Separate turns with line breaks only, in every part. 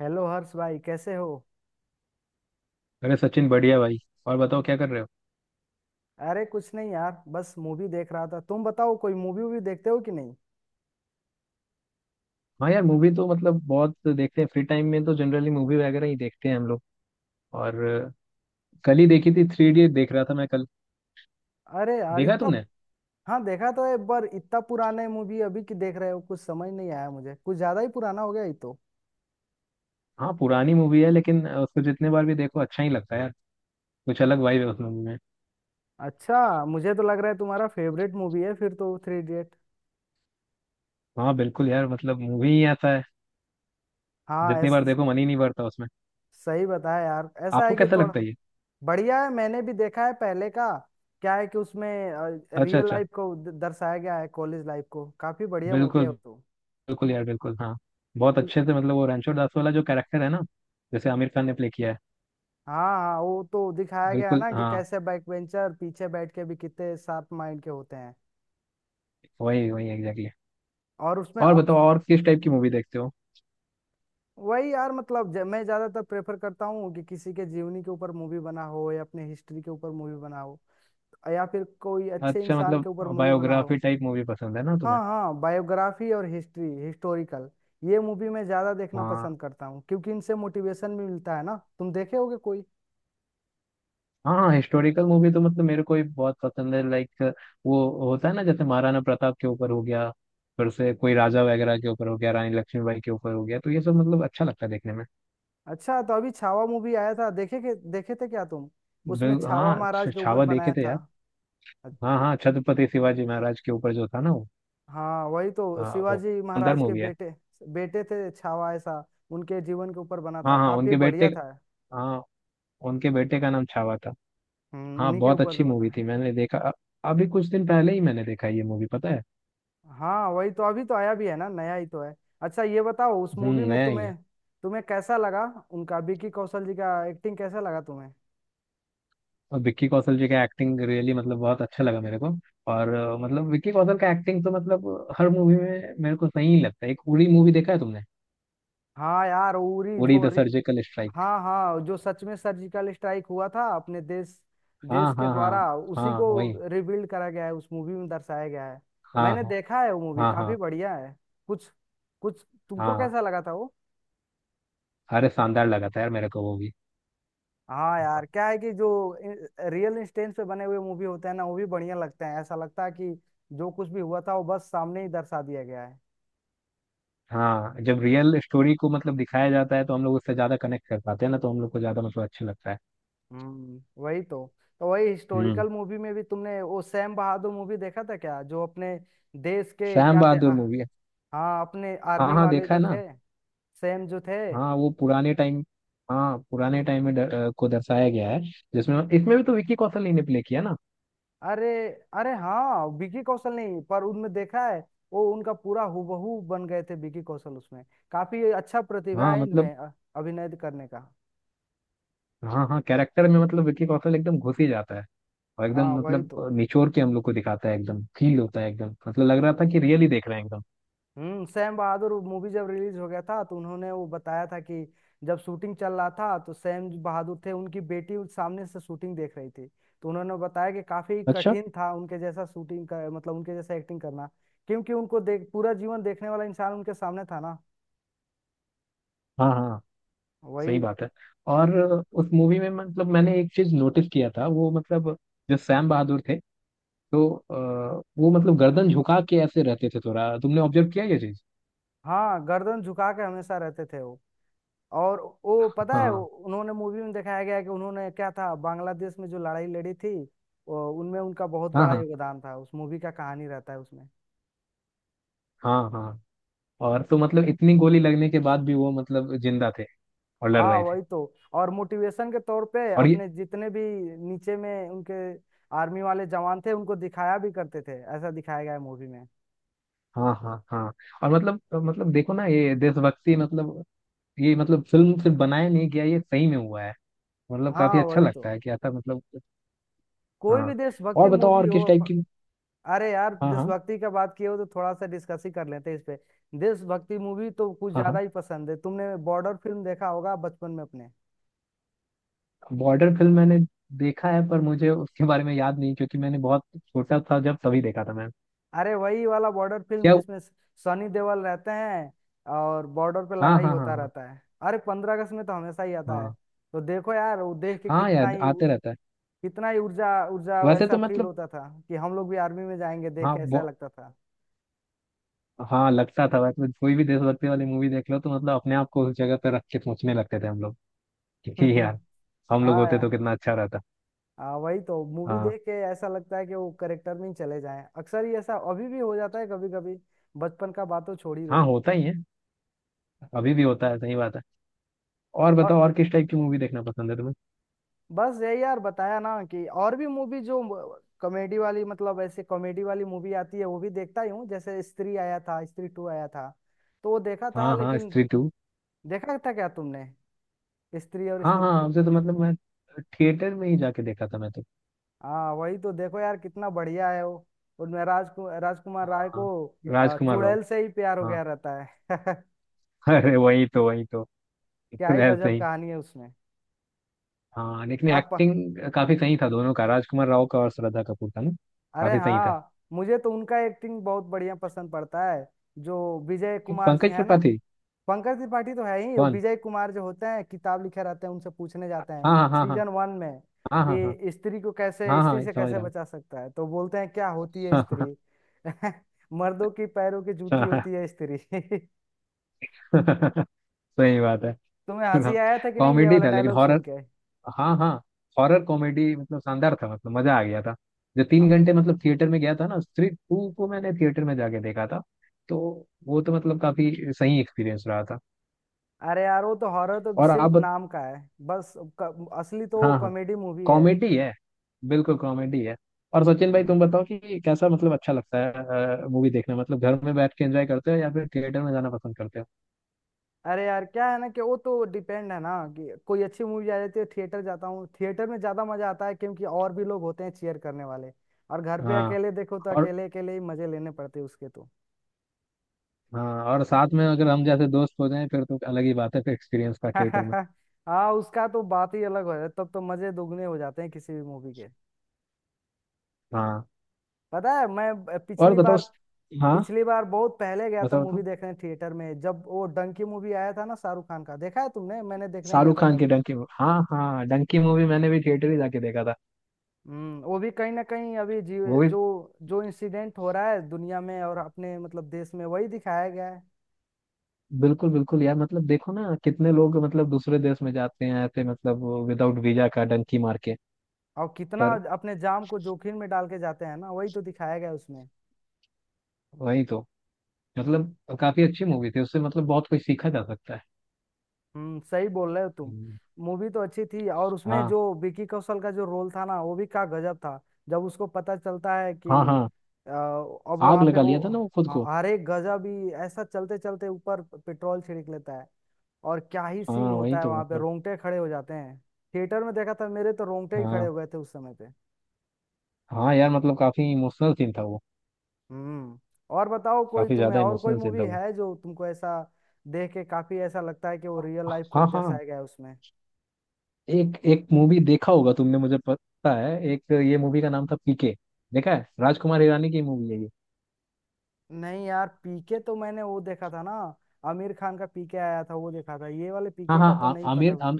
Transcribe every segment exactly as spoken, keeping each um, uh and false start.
Hello Harsh भाई कैसे हो?
अरे सचिन बढ़िया भाई। और बताओ क्या कर रहे हो।
अरे कुछ नहीं यार, बस मूवी देख रहा था। तुम बताओ, कोई मूवी वूवी देखते हो कि नहीं?
हाँ यार, मूवी तो मतलब बहुत देखते हैं फ्री टाइम में, तो जनरली मूवी वगैरह ही देखते हैं हम लोग। और कल ही देखी थी, थ्री इडियट देख रहा था मैं कल।
अरे यार,
देखा है
इतना।
तुमने?
हाँ, देखा तो एक बार। इतना पुराने मूवी अभी की देख रहे हो? कुछ समझ नहीं आया मुझे, कुछ ज्यादा ही पुराना हो गया ये तो।
हाँ पुरानी मूवी है, लेकिन उसको जितने बार भी देखो अच्छा ही लगता है यार। कुछ अलग वाइब है उस मूवी में।
अच्छा, मुझे तो लग रहा है तुम्हारा फेवरेट मूवी है फिर तो थ्री इडियट।
हाँ बिल्कुल यार, मतलब मूवी ही ऐसा है।
हाँ।
जितनी बार
ऐस,
देखो मन ही नहीं भरता उसमें।
सही बताया यार, ऐसा
आपको
है कि
कैसा
थोड़ा।
लगता है ये?
बढ़िया है, मैंने भी देखा है पहले का। क्या है कि उसमें
अच्छा
रियल
अच्छा।
लाइफ को द- दर्शाया गया है, कॉलेज लाइफ को। काफी बढ़िया मूवी
बिल्कुल
है वो तो।
बिल्कुल यार, बिल्कुल हाँ। बहुत अच्छे से, मतलब वो रणछोड़ दास वाला जो कैरेक्टर है ना, जैसे आमिर खान ने प्ले किया है।
हाँ हाँ, वो तो दिखाया गया है
बिल्कुल
ना कि
हाँ।
कैसे बैक बेंचर पीछे बैठ के भी कितने शार्प माइंड के होते हैं।
वही वही एग्जैक्टली।
और उसमें
और
अब।
बताओ, और किस टाइप की मूवी देखते हो?
वही यार, मतलब ज- मैं ज्यादातर प्रेफर करता हूँ कि किसी के जीवनी के ऊपर मूवी बना हो, या अपने हिस्ट्री के ऊपर मूवी बना हो, या फिर कोई अच्छे
अच्छा,
इंसान
मतलब
के ऊपर मूवी बना
बायोग्राफी
हो।
टाइप मूवी पसंद है ना
हाँ
तुम्हें?
हाँ, बायोग्राफी और हिस्ट्री, हिस्टोरिकल। ये मूवी मैं ज्यादा देखना
हाँ
पसंद करता हूँ, क्योंकि इनसे मोटिवेशन भी मिलता है ना। तुम देखे होगे कोई।
हाँ, हिस्टोरिकल मूवी तो मतलब मेरे को भी बहुत पसंद है, लाइक वो होता है ना, जैसे महाराणा प्रताप के ऊपर हो गया, फिर से कोई राजा वगैरह के ऊपर हो गया, रानी लक्ष्मीबाई के ऊपर हो गया, तो ये सब मतलब अच्छा लगता है देखने में।
अच्छा, तो अभी छावा मूवी आया था, देखे के देखे थे क्या तुम? उसमें
बिल-
छावा
हाँ
महाराज
छ-
के ऊपर
छावा देखे
बनाया
थे
था।
यार।
अच-
हाँ हाँ, छत्रपति शिवाजी महाराज के ऊपर जो था ना, वो।
हाँ, वही तो
हाँ, वो
शिवाजी
शानदार
महाराज के
मूवी है।
बेटे। बेटे थे छावा, ऐसा। उनके जीवन के ऊपर बना था,
हाँ हाँ
काफी
उनके बेटे।
बढ़िया था।
हाँ उनके बेटे का नाम छावा था।
हम्म,
हाँ
उन्हीं के
बहुत
ऊपर
अच्छी
तो बना
मूवी
है।
थी, मैंने देखा अ- अभी कुछ दिन पहले ही मैंने देखा ये मूवी, पता है।
हाँ, वही तो, अभी तो आया भी है ना, नया ही तो है। अच्छा, ये बताओ उस
हम्म,
मूवी में
नया ही है।
तुम्हें, तुम्हें कैसा लगा? उनका विकी कौशल जी का एक्टिंग कैसा लगा तुम्हें?
और विक्की कौशल जी का एक्टिंग रियली मतलब बहुत अच्छा लगा मेरे को। और अ, मतलब विक्की कौशल का एक्टिंग तो मतलब हर मूवी में मेरे को सही ही लगता है। एक उरी मूवी देखा है तुमने?
हाँ यार, उरी
उरी
जो।
The surgical strike.
हाँ हाँ, जो सच में सर्जिकल स्ट्राइक हुआ था अपने देश।
हाँ
देश के
हाँ हाँ
द्वारा उसी
हाँ।
को
वही।
रिबिल्ड करा गया है, उस मूवी में दर्शाया गया है।
हाँ
मैंने
हाँ
देखा है वो मूवी,
हाँ
काफी
हाँ
बढ़िया है। कुछ कुछ तुमको
हाँ।
कैसा लगा था वो?
अरे शानदार लगा था यार, मेरे को वो भी।
हाँ यार,
हाँ,
क्या है कि जो रियल इंस्टेंस पे बने हुए मूवी होते हैं ना, वो भी बढ़िया लगते हैं, ऐसा लगता है कि जो कुछ भी हुआ था वो बस सामने ही दर्शा दिया गया है।
हाँ, जब रियल स्टोरी को मतलब दिखाया जाता है तो हम लोग उससे ज्यादा कनेक्ट कर पाते हैं ना, तो हम लोग को ज्यादा मतलब अच्छा लगता है।
हम्म, वही तो। तो वही
हम्म।
हिस्टोरिकल मूवी में भी, तुमने वो सैम बहादुर मूवी देखा था क्या जो अपने देश के
श्याम
क्या थे?
बहादुर मूवी।
हाँ, अपने
हाँ
आर्मी
हाँ
वाले
देखा
जो
है ना।
थे, सेम जो थे।
हाँ वो पुराने टाइम। हाँ पुराने टाइम में ड- अ, को दर्शाया गया है, जिसमें, इसमें भी तो विक्की कौशल ही ने प्ले किया ना।
अरे। अरे हाँ, विकी कौशल नहीं, पर उनमें देखा है। वो उनका पूरा हूबहू बन गए थे विकी कौशल उसमें। काफी अच्छा प्रतिभा
हाँ
है
मतलब।
इनमें, अ- अभिनय करने का।
हाँ हाँ कैरेक्टर में मतलब विक्की कौशल एकदम घुस ही जाता है। और
हाँ,
एकदम
वही
मतलब
तो।
अ, निचोड़ के हम लोग को दिखाता है, एकदम फील होता है, एकदम मतलब लग रहा था कि रियली देख रहे हैं एकदम।
हम्म सैम बहादुर मूवी जब रिलीज हो गया था तो उन्होंने वो बताया था कि जब शूटिंग चल रहा था तो सैम जो बहादुर थे, उनकी बेटी उस सामने से शूटिंग देख रही थी। तो उन्होंने बताया कि काफी
अच्छा।
कठिन था उनके जैसा शूटिंग कर, मतलब उनके जैसा एक्टिंग करना, क्योंकि उनको देख पूरा जीवन देखने वाला इंसान उनके सामने था ना।
हाँ हाँ
वही।
सही बात है। और अ, उस मूवी में मतलब मैंने एक चीज नोटिस किया था वो मतलब, जो सैम बहादुर थे तो अ, वो मतलब गर्दन झुका के ऐसे रहते थे थोड़ा, तुमने ऑब्जर्व किया ये चीज?
हाँ, गर्दन झुका के हमेशा रहते थे वो। और वो पता
हाँ
है, वो-
हाँ
उन्होंने मूवी में दिखाया गया है कि उन्होंने क्या था, बांग्लादेश में जो लड़ाई लड़ी थी। वो- उनमें उनका बहुत
हाँ
बड़ा
हाँ
योगदान था, उस मूवी का कहानी रहता है उसमें।
हाँ हाँ। और तो मतलब इतनी गोली लगने के बाद भी वो मतलब जिंदा थे और लड़
हाँ,
रहे थे।
वही तो। और मोटिवेशन के तौर पे
और ये
अपने जितने भी नीचे में उनके आर्मी वाले जवान थे उनको दिखाया भी करते थे, ऐसा दिखाया गया है मूवी में।
हाँ हाँ हाँ। और मतलब मतलब देखो ना, ये देशभक्ति मतलब, ये मतलब फिल्म सिर्फ बनाया नहीं गया, ये सही में हुआ है। मतलब काफी
हाँ,
अच्छा
वही तो।
लगता है कि ऐसा मतलब।
कोई भी
हाँ। और
देशभक्ति
बताओ
मूवी
और
हो
किस टाइप
अप-
की।
अरे यार,
हाँ हाँ
देशभक्ति का बात किए हो तो थोड़ा सा डिस्कस ही कर लेते हैं इस पे। देशभक्ति मूवी तो कुछ
हाँ
ज्यादा
हाँ।
ही पसंद है। तुमने बॉर्डर फिल्म देखा होगा बचपन में अपने?
बॉर्डर फिल्म मैंने देखा है, पर मुझे उसके बारे में याद नहीं, क्योंकि मैंने बहुत छोटा था जब तभी देखा था मैंने।
अरे वही वाला बॉर्डर फिल्म,
क्या?
जिसमें स- सनी देओल रहते हैं और बॉर्डर पे
हाँ
लड़ाई
हाँ हाँ
होता
हाँ।
रहता है। अरे, पंद्रह अगस्त में तो हमेशा ही आता है।
हाँ
तो देखो यार, वो देख के
हाँ
कितना
यार
ही उ-
आते रहता है।
कितना ही ऊर्जा ऊर्जा
वैसे तो
ऐसा फील
मतलब।
होता था कि हम लोग भी आर्मी में जाएंगे, देख
हाँ।
के ऐसा लगता था।
हाँ लगता था भाई, तो कोई भी देशभक्ति वाली मूवी देख लो तो मतलब अपने आप को उस जगह पे रख के सोचने लगते थे हम लोग, कि यार हम लोग
हाँ
होते तो
यार।
कितना अच्छा रहता।
हाँ, वही तो। मूवी
हाँ
देख के ऐसा लगता है कि वो करेक्टर में ही चले जाएं। अक्सर ही ऐसा अभी भी हो जाता है कभी कभी। बचपन का बात तो छोड़ ही
हाँ
दो।
होता ही है। अभी भी होता है, सही बात है। और
और
बताओ, और किस टाइप की मूवी देखना पसंद है तुम्हें?
बस यही यार, बताया ना कि और भी मूवी जो कॉमेडी वाली, मतलब ऐसे कॉमेडी वाली मूवी आती है वो भी देखता ही हूँ, जैसे स्त्री आया था, स्त्री टू आया था। तो वो देखा था,
हाँ हाँ
लेकिन
स्त्री टू।
देखा था क्या तुमने, स्त्री और
हाँ
स्त्री
हाँ
टू
उसे तो मतलब मैं थिएटर में ही जाके देखा था मैं तो।
हाँ, वही तो। देखो यार, कितना बढ़िया है वो। उनमें राज राजकुमार राय को
हाँ
अ,
राजकुमार राव।
चुड़ैल से ही प्यार हो
हाँ
गया रहता है।
अरे वही तो, वही तो।
क्या ही
ऐसे
गजब
ही।
कहानी है उसमें।
हाँ लेकिन
और प,
एक्टिंग काफी सही था दोनों का, राजकुमार राव का और श्रद्धा कपूर का ना।
अरे
काफी सही था।
हाँ, मुझे तो उनका एक्टिंग बहुत बढ़िया पसंद पड़ता है। जो विजय कुमार जी
पंकज
है ना,
त्रिपाठी।
पंकज त्रिपाठी तो है ही। वो
कौन?
विजय कुमार जो होते हैं, किताब लिखे रहते हैं, उनसे पूछने जाते हैं
हाँ हाँ हाँ हाँ।
सीजन वन में
हाँ हाँ हाँ
कि स्त्री को कैसे,
हाँ।
स्त्री
हाँ
से
समझ
कैसे
रहा हूँ।
बचा सकता है, तो बोलते हैं क्या होती है
हाँ।
स्त्री। मर्दों की पैरों की जूती
हाँ,
होती है स्त्री।
हाँ, सही बात है।
तुम्हें हंसी
हाँ,
आया था कि नहीं ये
कॉमेडी
वाला
था लेकिन
डायलॉग
हॉरर।
सुन के?
हाँ हाँ। हॉरर कॉमेडी मतलब शानदार था, मतलब मजा आ गया था। जो तीन
अ-
घंटे मतलब थिएटर में गया था ना, स्त्री टू को मैंने थिएटर में जाके देखा था, तो वो तो मतलब काफी सही एक्सपीरियंस रहा था।
अरे यार, वो तो हॉरर तो
और आप
सिर्फ
बत...
नाम का है बस। क- असली तो
हाँ हाँ
कॉमेडी मूवी है।
कॉमेडी है, बिल्कुल कॉमेडी है। और सचिन भाई, तुम
हम्म।
बताओ कि कैसा मतलब अच्छा लगता है मूवी देखना, मतलब घर में बैठ के एंजॉय करते हो या फिर थिएटर में जाना पसंद करते हो?
अरे यार, क्या है ना कि वो तो डिपेंड है ना कि कोई अच्छी मूवी आ जाती है थिएटर जाता हूँ। थिएटर में ज्यादा मजा आता है क्योंकि और भी लोग होते हैं चीयर करने वाले, और घर पे
हाँ
अकेले देखो तो अकेले अकेले ही मजे लेने पड़ते हैं उसके तो।
हाँ। और साथ में अगर हम जैसे दोस्त हो जाएं फिर तो अलग ही बात है, फिर एक्सपीरियंस का थिएटर में।
हाँ, उसका तो बात ही अलग हो जाता है, तब तो मजे दुगने हो जाते हैं किसी भी मूवी के।
हाँ।
पता है, मैं ब-
और
पिछली
बताओ।
बार,
हाँ
पिछली बार बहुत पहले गया था
बताओ बताओ।
मूवी देखने थिएटर में, जब वो डंकी मूवी आया था ना शाहरुख खान का, देखा है तुमने? मैंने देखने गया
शाहरुख
था
खान की
तभी।
डंकी मूवी, हाँ हाँ डंकी मूवी मैंने भी थिएटर ही जाके देखा था।
हम्म वो भी कहीं ना कहीं अभी जी,
वो भी।
जो जो इंसिडेंट हो रहा है दुनिया में और अपने, मतलब देश में, वही दिखाया गया है।
बिल्कुल बिल्कुल यार, मतलब देखो ना कितने लोग मतलब दूसरे देश में जाते हैं ऐसे, मतलब विदाउट वीजा का डंकी मार के।
और कितना
पर
अपने जान को जोखिम में डाल के जाते हैं ना, वही तो दिखाया गया है उसमें।
वही तो। मतलब काफी अच्छी मूवी थी, उससे मतलब बहुत कुछ सीखा जा सकता है।
हम्म सही बोल रहे हो तुम।
हम्म,
मूवी तो अच्छी थी, और उसमें
हाँ।
जो विकी कौशल का जो रोल था ना, वो भी क्या गजब था। जब उसको पता चलता है कि
हाँ हाँ
अ, अब
आग
वहां पे
लगा
वो
लिया था ना वो खुद
ह-
को।
हर एक गजब ही ऐसा, चलते चलते ऊपर पेट्रोल छिड़क लेता है। और क्या ही सीन
हाँ वही
होता है,
तो
वहां पे
मतलब।
रोंगटे खड़े हो जाते हैं। थिएटर में देखा था, मेरे तो रोंगटे ही खड़े
हाँ
हो गए थे उस समय पे।
हाँ यार मतलब काफी इमोशनल सीन था वो।
हम्म। और बताओ, कोई
काफी
तुम्हें
ज्यादा
और कोई
इमोशनल सीन
मूवी
था वो।
है जो तुमको ऐसा देख के काफी ऐसा लगता है कि वो रियल लाइफ को ही
हाँ हाँ।
दर्शाया गया है उसमें?
एक एक मूवी देखा होगा तुमने, मुझे पता है, एक ये मूवी का नाम था पीके। देखा है? राजकुमार हिरानी की मूवी है ये।
नहीं यार, पीके तो मैंने वो देखा था ना, आमिर खान का पीके आया था, वो देखा था। ये वाले
हाँ
पीके
हाँ
का तो
आ-
नहीं
आमिर
पता।
आम,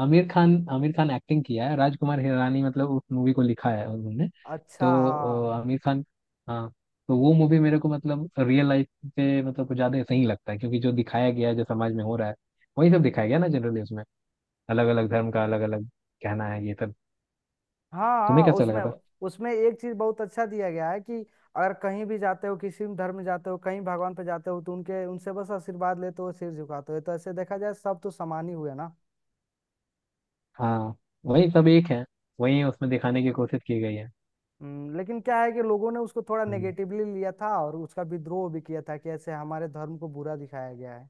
आमिर खान, आमिर खान एक्टिंग किया है, राजकुमार हिरानी मतलब उस मूवी को लिखा है उन्होंने।
अच्छा। हाँ
तो अ, आमिर खान। हाँ। तो वो मूवी मेरे को मतलब रियल लाइफ पे मतलब कुछ ज्यादा सही लगता है, क्योंकि जो दिखाया गया है जो समाज में हो रहा है वही सब दिखाया गया ना जनरली उसमें। अलग अलग धर्म का अलग अलग कहना है ये सब।
हाँ
तुम्हें
हाँ,
कैसा लगा
उसमें
था?
उसमें एक चीज बहुत अच्छा दिया गया है कि अगर कहीं भी जाते हो, किसी भी धर्म में जाते हो, कहीं भगवान पे जाते हो, तो उनके उनसे बस आशीर्वाद लेते हो, सिर झुकाते हो, तो ऐसे देखा जाए सब तो समान ही हुए ना।
हाँ वही, सब एक है। वही उसमें दिखाने की कोशिश की गई है।
हम्म, लेकिन क्या है कि लोगों ने उसको थोड़ा
हम्म।
नेगेटिवली लिया था, और उसका विद्रोह भी किया था कि ऐसे हमारे धर्म को बुरा दिखाया गया है।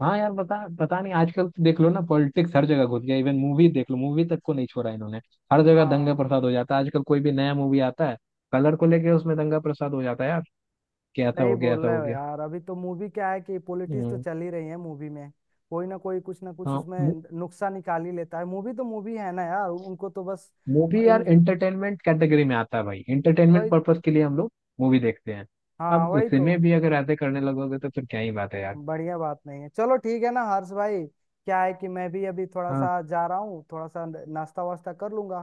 हाँ यार, पता पता नहीं, आजकल तो देख लो ना, पॉलिटिक्स हर जगह घुस गया, इवन मूवी देख लो, मूवी तक को नहीं छोड़ा इन्होंने। हर जगह दंगा
हाँ,
प्रसाद हो जाता है आजकल, कोई भी नया मूवी आता है कलर को लेके उसमें दंगा प्रसाद हो जाता है यार, कि ऐसा
सही
हो गया,
बोल
ऐसा
रहे
हो
हो
गया।
यार। अभी तो मूवी क्या है कि पॉलिटिक्स तो
हम्म,
चल ही रही है मूवी में, कोई ना कोई कुछ ना कुछ
हाँ।
उसमें नुक्सा निकाल ही लेता है। मूवी तो मूवी है ना यार, उनको तो बस
मूवी यार
इन
एंटरटेनमेंट कैटेगरी में आता है भाई, एंटरटेनमेंट
वही।
पर्पस के लिए हम लोग मूवी देखते हैं।
हाँ,
अब
वही तो।
उसमें भी अगर ऐसे करने लगोगे तो फिर क्या ही बात है यार।
बढ़िया बात नहीं है। चलो ठीक है ना हर्ष भाई? क्या है कि मैं भी अभी थोड़ा
हाँ।
सा जा रहा हूँ, थोड़ा सा नाश्ता वास्ता कर लूंगा,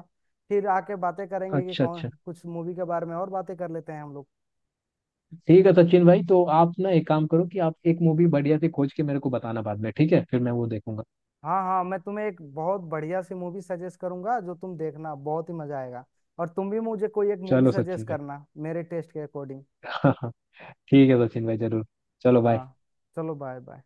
फिर आके बातें करेंगे कि
अच्छा
कौन
अच्छा।
कुछ मूवी के बारे में। और बातें कर लेते हैं हम लोग।
ठीक है सचिन भाई, तो आप ना एक काम करो, कि आप एक मूवी बढ़िया से खोज के मेरे को बताना बाद में, ठीक है, फिर मैं वो देखूंगा।
हाँ हाँ, मैं तुम्हें एक बहुत बढ़िया सी मूवी सजेस्ट करूंगा जो तुम देखना बहुत ही मजा आएगा। और तुम भी मुझे कोई एक मूवी
चलो सचिन
सजेस्ट
भाई।
करना मेरे टेस्ट के अकॉर्डिंग।
ठीक है सचिन भाई, जरूर। चलो बाय।
हाँ, चलो बाय बाय।